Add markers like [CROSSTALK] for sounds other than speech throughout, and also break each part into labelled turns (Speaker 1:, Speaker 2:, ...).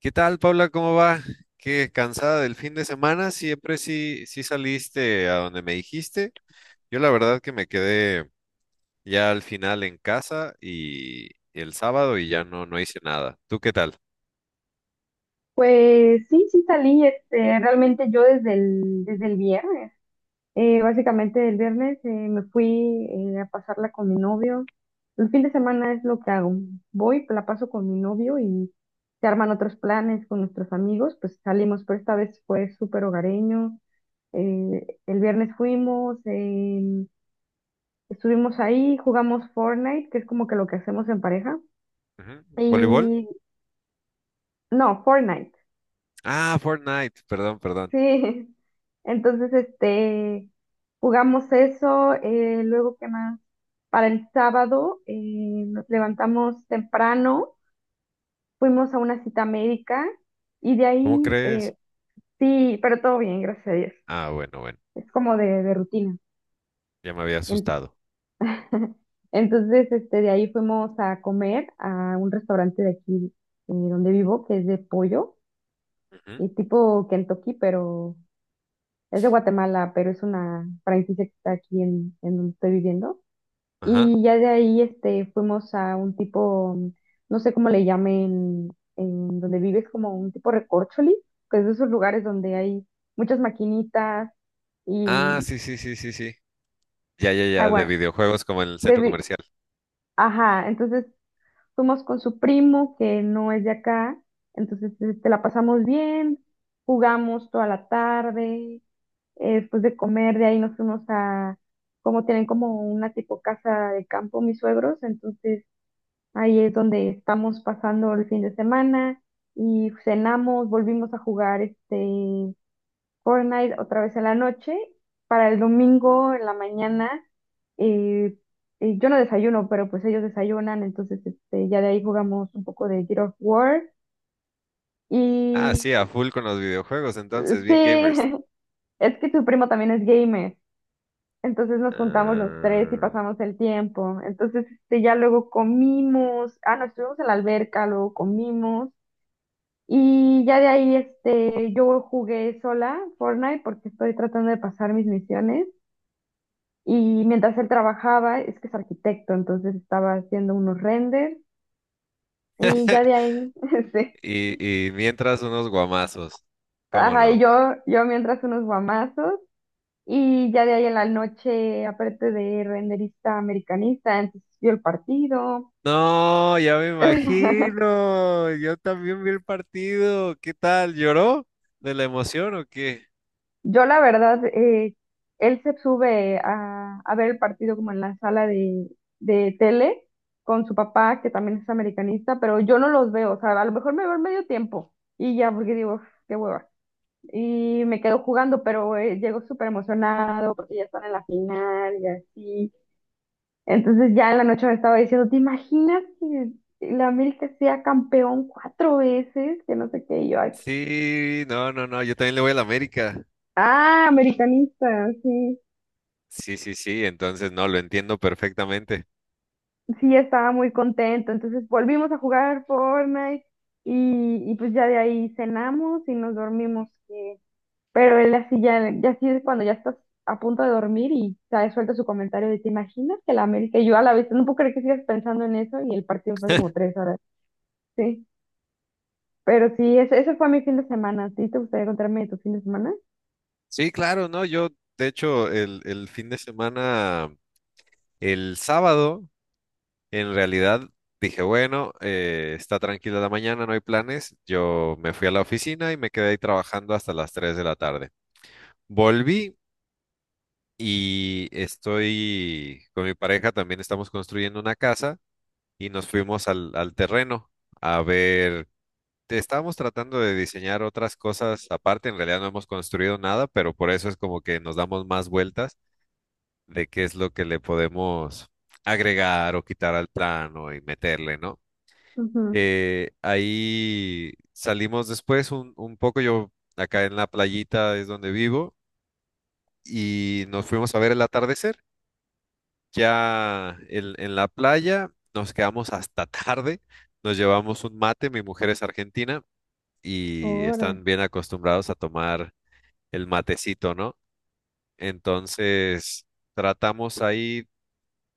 Speaker 1: ¿Qué tal, Paula? ¿Cómo va? ¿Qué cansada del fin de semana? Siempre sí, sí saliste a donde me dijiste. Yo la verdad que me quedé ya al final en casa y el sábado y ya no, no hice nada. ¿Tú qué tal?
Speaker 2: Pues sí, sí salí, este, realmente yo desde el viernes, básicamente el viernes me fui a pasarla con mi novio. El fin de semana es lo que hago. Voy, la paso con mi novio y se arman otros planes con nuestros amigos, pues salimos, pero esta vez fue súper hogareño. El viernes fuimos, estuvimos ahí, jugamos Fortnite, que es como que lo que hacemos en pareja.
Speaker 1: Ujú. ¿Voleibol?
Speaker 2: Y no, Fortnite.
Speaker 1: Ah, Fortnite. Perdón, perdón.
Speaker 2: Sí, entonces este jugamos eso, luego qué más. Para el sábado nos levantamos temprano, fuimos a una cita médica y de
Speaker 1: ¿Cómo
Speaker 2: ahí
Speaker 1: crees?
Speaker 2: sí, pero todo bien, gracias a Dios.
Speaker 1: Ah, bueno, bueno.
Speaker 2: Es como de rutina.
Speaker 1: Ya me había
Speaker 2: En-
Speaker 1: asustado.
Speaker 2: [LAUGHS] Entonces este de ahí fuimos a comer a un restaurante de aquí donde vivo, que es de pollo,
Speaker 1: Ujú.
Speaker 2: y tipo Kentucky, pero es de Guatemala, pero es una franquicia que está aquí en donde estoy viviendo.
Speaker 1: Ajá.
Speaker 2: Y ya de ahí este, fuimos a un tipo, no sé cómo le llamen, en donde vives, como un tipo recorcholi, que es de esos lugares donde hay muchas maquinitas
Speaker 1: Ah,
Speaker 2: y,
Speaker 1: sí, sí, sí, sí, sí. Ya, ya,
Speaker 2: ah,
Speaker 1: ya, de
Speaker 2: bueno,
Speaker 1: videojuegos como en el
Speaker 2: de
Speaker 1: centro
Speaker 2: vi-
Speaker 1: comercial.
Speaker 2: ajá, entonces fuimos con su primo que no es de acá, entonces este, la pasamos bien, jugamos toda la tarde. Después de comer, de ahí nos fuimos a, como tienen como una tipo casa de campo mis suegros, entonces ahí es donde estamos pasando el fin de semana y cenamos, volvimos a jugar este Fortnite otra vez en la noche. Para el domingo en la mañana, eh, yo no desayuno, pero pues ellos desayunan, entonces este, ya de ahí jugamos un poco de Gears of War.
Speaker 1: Ah, sí,
Speaker 2: Y
Speaker 1: a full con los videojuegos, entonces, bien gamers.
Speaker 2: sí, [LAUGHS] es que tu primo también es gamer. Entonces nos juntamos los tres y
Speaker 1: Ah.
Speaker 2: pasamos el tiempo. Entonces, este, ya luego comimos, ah, no, estuvimos en la alberca, luego comimos y ya de ahí, este, yo jugué sola Fortnite porque estoy tratando de pasar mis misiones y mientras él trabajaba, es que es arquitecto, entonces estaba haciendo unos renders y ya
Speaker 1: [LAUGHS]
Speaker 2: de ahí, [LAUGHS] este,
Speaker 1: Y, y mientras unos guamazos, ¿cómo
Speaker 2: ajá, y
Speaker 1: no?
Speaker 2: yo mientras unos guamazos. Y ya de ahí en la noche, aparte de renderista americanista, entonces vio el partido.
Speaker 1: No, ya me
Speaker 2: [LAUGHS]
Speaker 1: imagino. Yo también vi el partido. ¿Qué tal? ¿Lloró de la emoción o qué?
Speaker 2: Yo la verdad, él se sube a ver el partido como en la sala de tele con su papá, que también es americanista, pero yo no los veo, o sea, a lo mejor me veo en medio tiempo y ya, porque digo, "Uf, qué hueva". Y me quedo jugando, pero llego súper emocionado porque ya están en la final y así. Entonces ya en la noche me estaba diciendo, "¿Te imaginas que la América sea campeón cuatro veces? Que no sé qué", y yo, "Ay,
Speaker 1: Sí, no, no, no. Yo también le voy a la América.
Speaker 2: ah, americanista, sí".
Speaker 1: Sí, sí, sí. Entonces, no, lo entiendo perfectamente.
Speaker 2: Sí estaba muy contento. Entonces volvimos a jugar Fortnite y pues ya de ahí cenamos y nos dormimos. Pero él así ya así es cuando ya estás a punto de dormir y te suelta su comentario de "¿te imaginas que la América?". Y yo a la vez, no puedo creer que sigas pensando en eso y el partido fue hace como
Speaker 1: [LAUGHS]
Speaker 2: tres horas. Sí, pero sí, ese fue mi fin de semana. ¿A ti te gustaría contarme de tu fin de semana?
Speaker 1: Sí, claro, no. Yo, de hecho, el fin de semana, el sábado. En realidad dije, bueno, está tranquila la mañana, no hay planes. Yo me fui a la oficina y me quedé ahí trabajando hasta las 3 de la tarde. Volví y estoy con mi pareja, también estamos construyendo una casa y nos fuimos al terreno a ver. Estábamos tratando de diseñar otras cosas aparte, en realidad no hemos construido nada, pero por eso es como que nos damos más vueltas de qué es lo que le podemos agregar o quitar al plano y meterle, ¿no?
Speaker 2: Ujú.
Speaker 1: Ahí salimos después un poco, yo acá en la playita es donde vivo, y nos fuimos a ver el atardecer. Ya en la playa nos quedamos hasta [LAUGHS] tarde, nos llevamos un mate, mi mujer es argentina y
Speaker 2: Órale.
Speaker 1: están bien acostumbrados a tomar el matecito, ¿no? Entonces tratamos ahí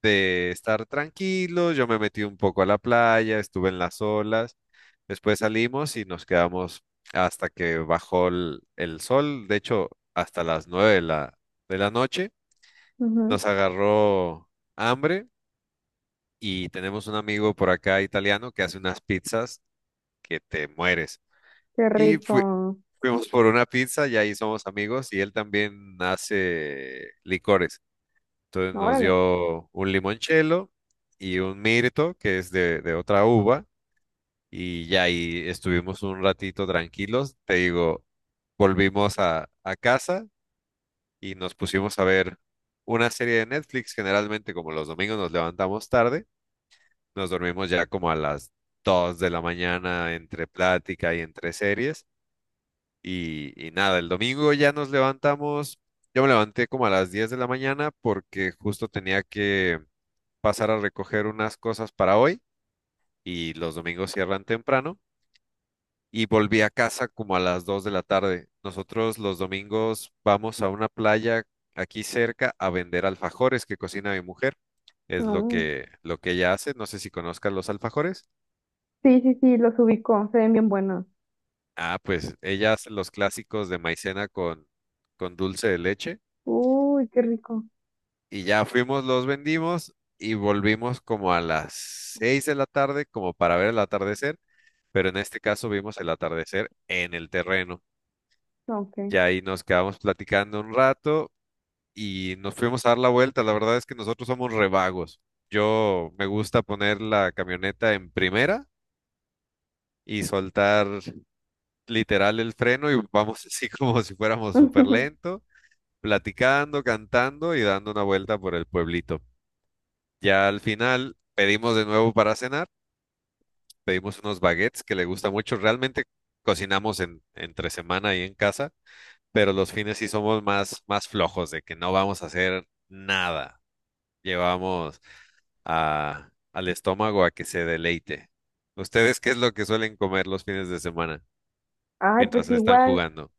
Speaker 1: de estar tranquilos, yo me metí un poco a la playa, estuve en las olas. Después salimos y nos quedamos hasta que bajó el sol. De hecho, hasta las 9 de la noche nos
Speaker 2: Ujú.
Speaker 1: agarró hambre y tenemos un amigo por acá italiano que hace unas pizzas que te mueres.
Speaker 2: Qué
Speaker 1: Y fui-
Speaker 2: rico.
Speaker 1: Fuimos por una pizza y ahí somos amigos y él también hace licores. Entonces nos
Speaker 2: Órale.
Speaker 1: dio un limoncello y un mirto que es de otra uva y ya ahí estuvimos un ratito tranquilos. Te digo, volvimos a casa y nos pusimos a ver una serie de Netflix. Generalmente, como los domingos nos levantamos tarde, nos dormimos ya como a las 2 de la mañana entre plática y entre series. Y nada, el domingo ya nos levantamos. Yo me levanté como a las 10 de la mañana porque justo tenía que pasar a recoger unas cosas para hoy y los domingos cierran temprano. Y volví a casa como a las 2 de la tarde. Nosotros los domingos vamos a una playa aquí cerca a vender alfajores que cocina mi mujer. Es
Speaker 2: No.
Speaker 1: lo que ella hace. No sé si conozcas los alfajores.
Speaker 2: Sí, sí, sí, los ubico. Se ven bien buenos.
Speaker 1: Ah, pues ella hace los clásicos de maicena con dulce de leche.
Speaker 2: Uy, qué rico.
Speaker 1: Y ya fuimos, los vendimos y volvimos como a las 6 de la tarde, como para ver el atardecer. Pero en este caso vimos el atardecer en el terreno.
Speaker 2: Ok.
Speaker 1: Ya ahí nos quedamos platicando un rato y nos fuimos a dar la vuelta. La verdad es que nosotros somos revagos. Yo me gusta poner la camioneta en primera y soltar literal el freno y vamos [LAUGHS] así como si fuéramos súper
Speaker 2: [LAUGHS]
Speaker 1: lento, platicando, cantando y dando una vuelta por el pueblito. Ya al final pedimos de nuevo para cenar, pedimos unos baguettes que le gusta mucho. Realmente cocinamos en, entre semana y en casa, pero los fines sí somos más, más flojos de que no vamos a hacer nada. Llevamos a, al estómago a que se deleite. ¿Ustedes qué es lo que suelen comer los fines de semana
Speaker 2: Ay,
Speaker 1: mientras
Speaker 2: pues
Speaker 1: están
Speaker 2: igual,
Speaker 1: jugando?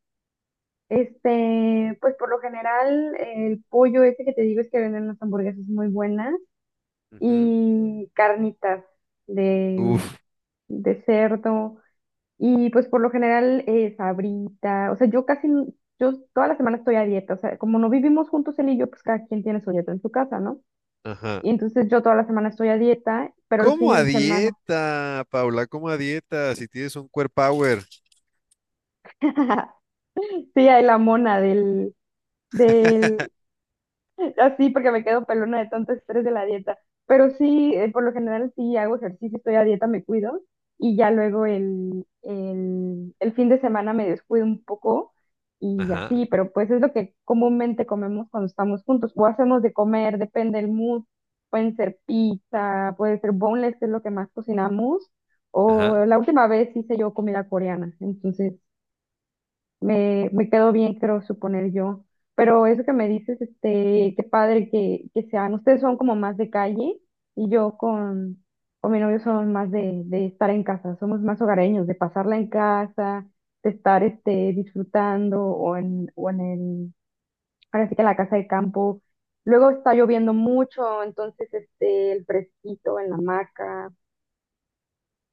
Speaker 2: este, pues por lo general el pollo ese que te digo es que venden las hamburguesas muy buenas
Speaker 1: Ujú.
Speaker 2: y carnitas de,
Speaker 1: Uf,
Speaker 2: de cerdo y pues por lo general sabrita, o sea, yo casi, n- yo toda la semana estoy a dieta, o sea, como no vivimos juntos él y yo, pues cada quien tiene su dieta en su casa, ¿no?
Speaker 1: ajá.
Speaker 2: Y entonces yo toda la semana estoy a dieta, pero los
Speaker 1: ¿Cómo
Speaker 2: fines
Speaker 1: a
Speaker 2: de semana,
Speaker 1: dieta, Paula? ¿Cómo a dieta? Si tienes un core power.
Speaker 2: [LAUGHS] sí, hay la mona del [LAUGHS] así porque me quedo pelona de tanto estrés de la dieta. Pero sí, por lo general sí hago ejercicio, estoy a dieta, me cuido y ya luego el fin de semana me descuido un poco y
Speaker 1: Ajá,
Speaker 2: así, pero pues es lo que comúnmente comemos cuando estamos juntos o hacemos de comer, depende del mood. Pueden ser pizza, puede ser boneless, que es lo que más cocinamos, o
Speaker 1: ajá.
Speaker 2: la última vez hice yo comida coreana, entonces me quedó bien, creo suponer yo. Pero eso que me dices, este, qué padre que sean. Ustedes son como más de calle y yo con mi novio somos más de estar en casa, somos más hogareños, de pasarla en casa, de estar este, disfrutando o en el, ahora sí que la casa de campo. Luego está lloviendo mucho, entonces este, el fresquito en la hamaca.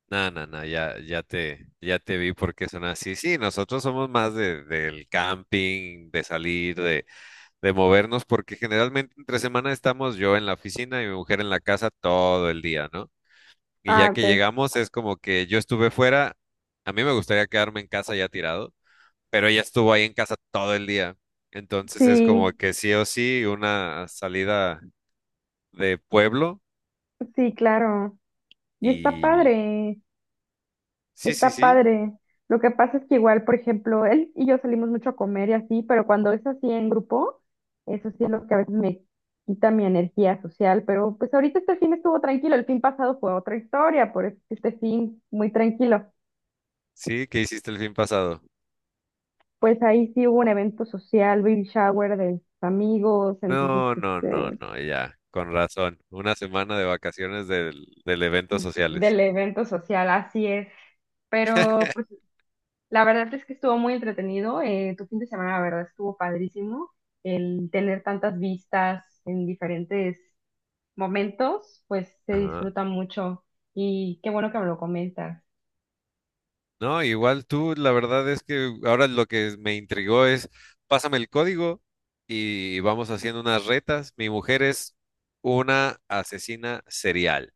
Speaker 1: No, no, no, ya, ya te vi porque son así. Sí, nosotros somos más de, del camping, de salir, de movernos, porque generalmente entre semana estamos yo en la oficina y mi mujer en la casa todo el día, ¿no? Y
Speaker 2: Ah,
Speaker 1: ya que
Speaker 2: ok.
Speaker 1: llegamos, es como que yo estuve fuera, a mí me gustaría quedarme en casa ya tirado, pero ella estuvo ahí en casa todo el día. Entonces es como
Speaker 2: Sí,
Speaker 1: que sí o sí una salida de pueblo
Speaker 2: sí, claro. Y está
Speaker 1: y...
Speaker 2: padre.
Speaker 1: Sí, sí,
Speaker 2: Está
Speaker 1: sí,
Speaker 2: padre. Lo que pasa es que igual, por ejemplo, él y yo salimos mucho a comer y así, pero cuando es así en grupo, eso sí es lo que a veces me quita mi energía social, pero pues ahorita este fin estuvo tranquilo, el fin pasado fue otra historia, por eso este fin muy tranquilo.
Speaker 1: sí, ¿qué hiciste el fin pasado?
Speaker 2: Pues ahí sí hubo un evento social, baby shower de amigos, entonces
Speaker 1: No,
Speaker 2: pues,
Speaker 1: no, no, no, ya, con razón. Una semana de vacaciones del, del eventos sociales.
Speaker 2: del evento social, así es. Pero pues la verdad es que estuvo muy entretenido. Eh, tu fin de semana, la verdad, estuvo padrísimo. El tener tantas vistas en diferentes momentos, pues se
Speaker 1: Ajá.
Speaker 2: disfruta mucho. Y qué bueno que me lo comentas.
Speaker 1: No, igual tú, la verdad es que ahora lo que me intrigó es, pásame el código y vamos haciendo unas retas. Mi mujer es una asesina serial.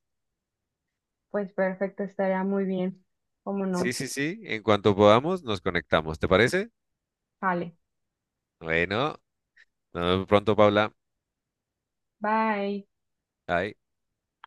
Speaker 2: Pues perfecto, estaría muy bien. ¿Cómo
Speaker 1: Sí,
Speaker 2: no?
Speaker 1: sí, sí, en cuanto podamos nos conectamos, ¿te parece?
Speaker 2: Vale.
Speaker 1: Bueno, nos vemos pronto, Paula.
Speaker 2: Bye.
Speaker 1: Bye.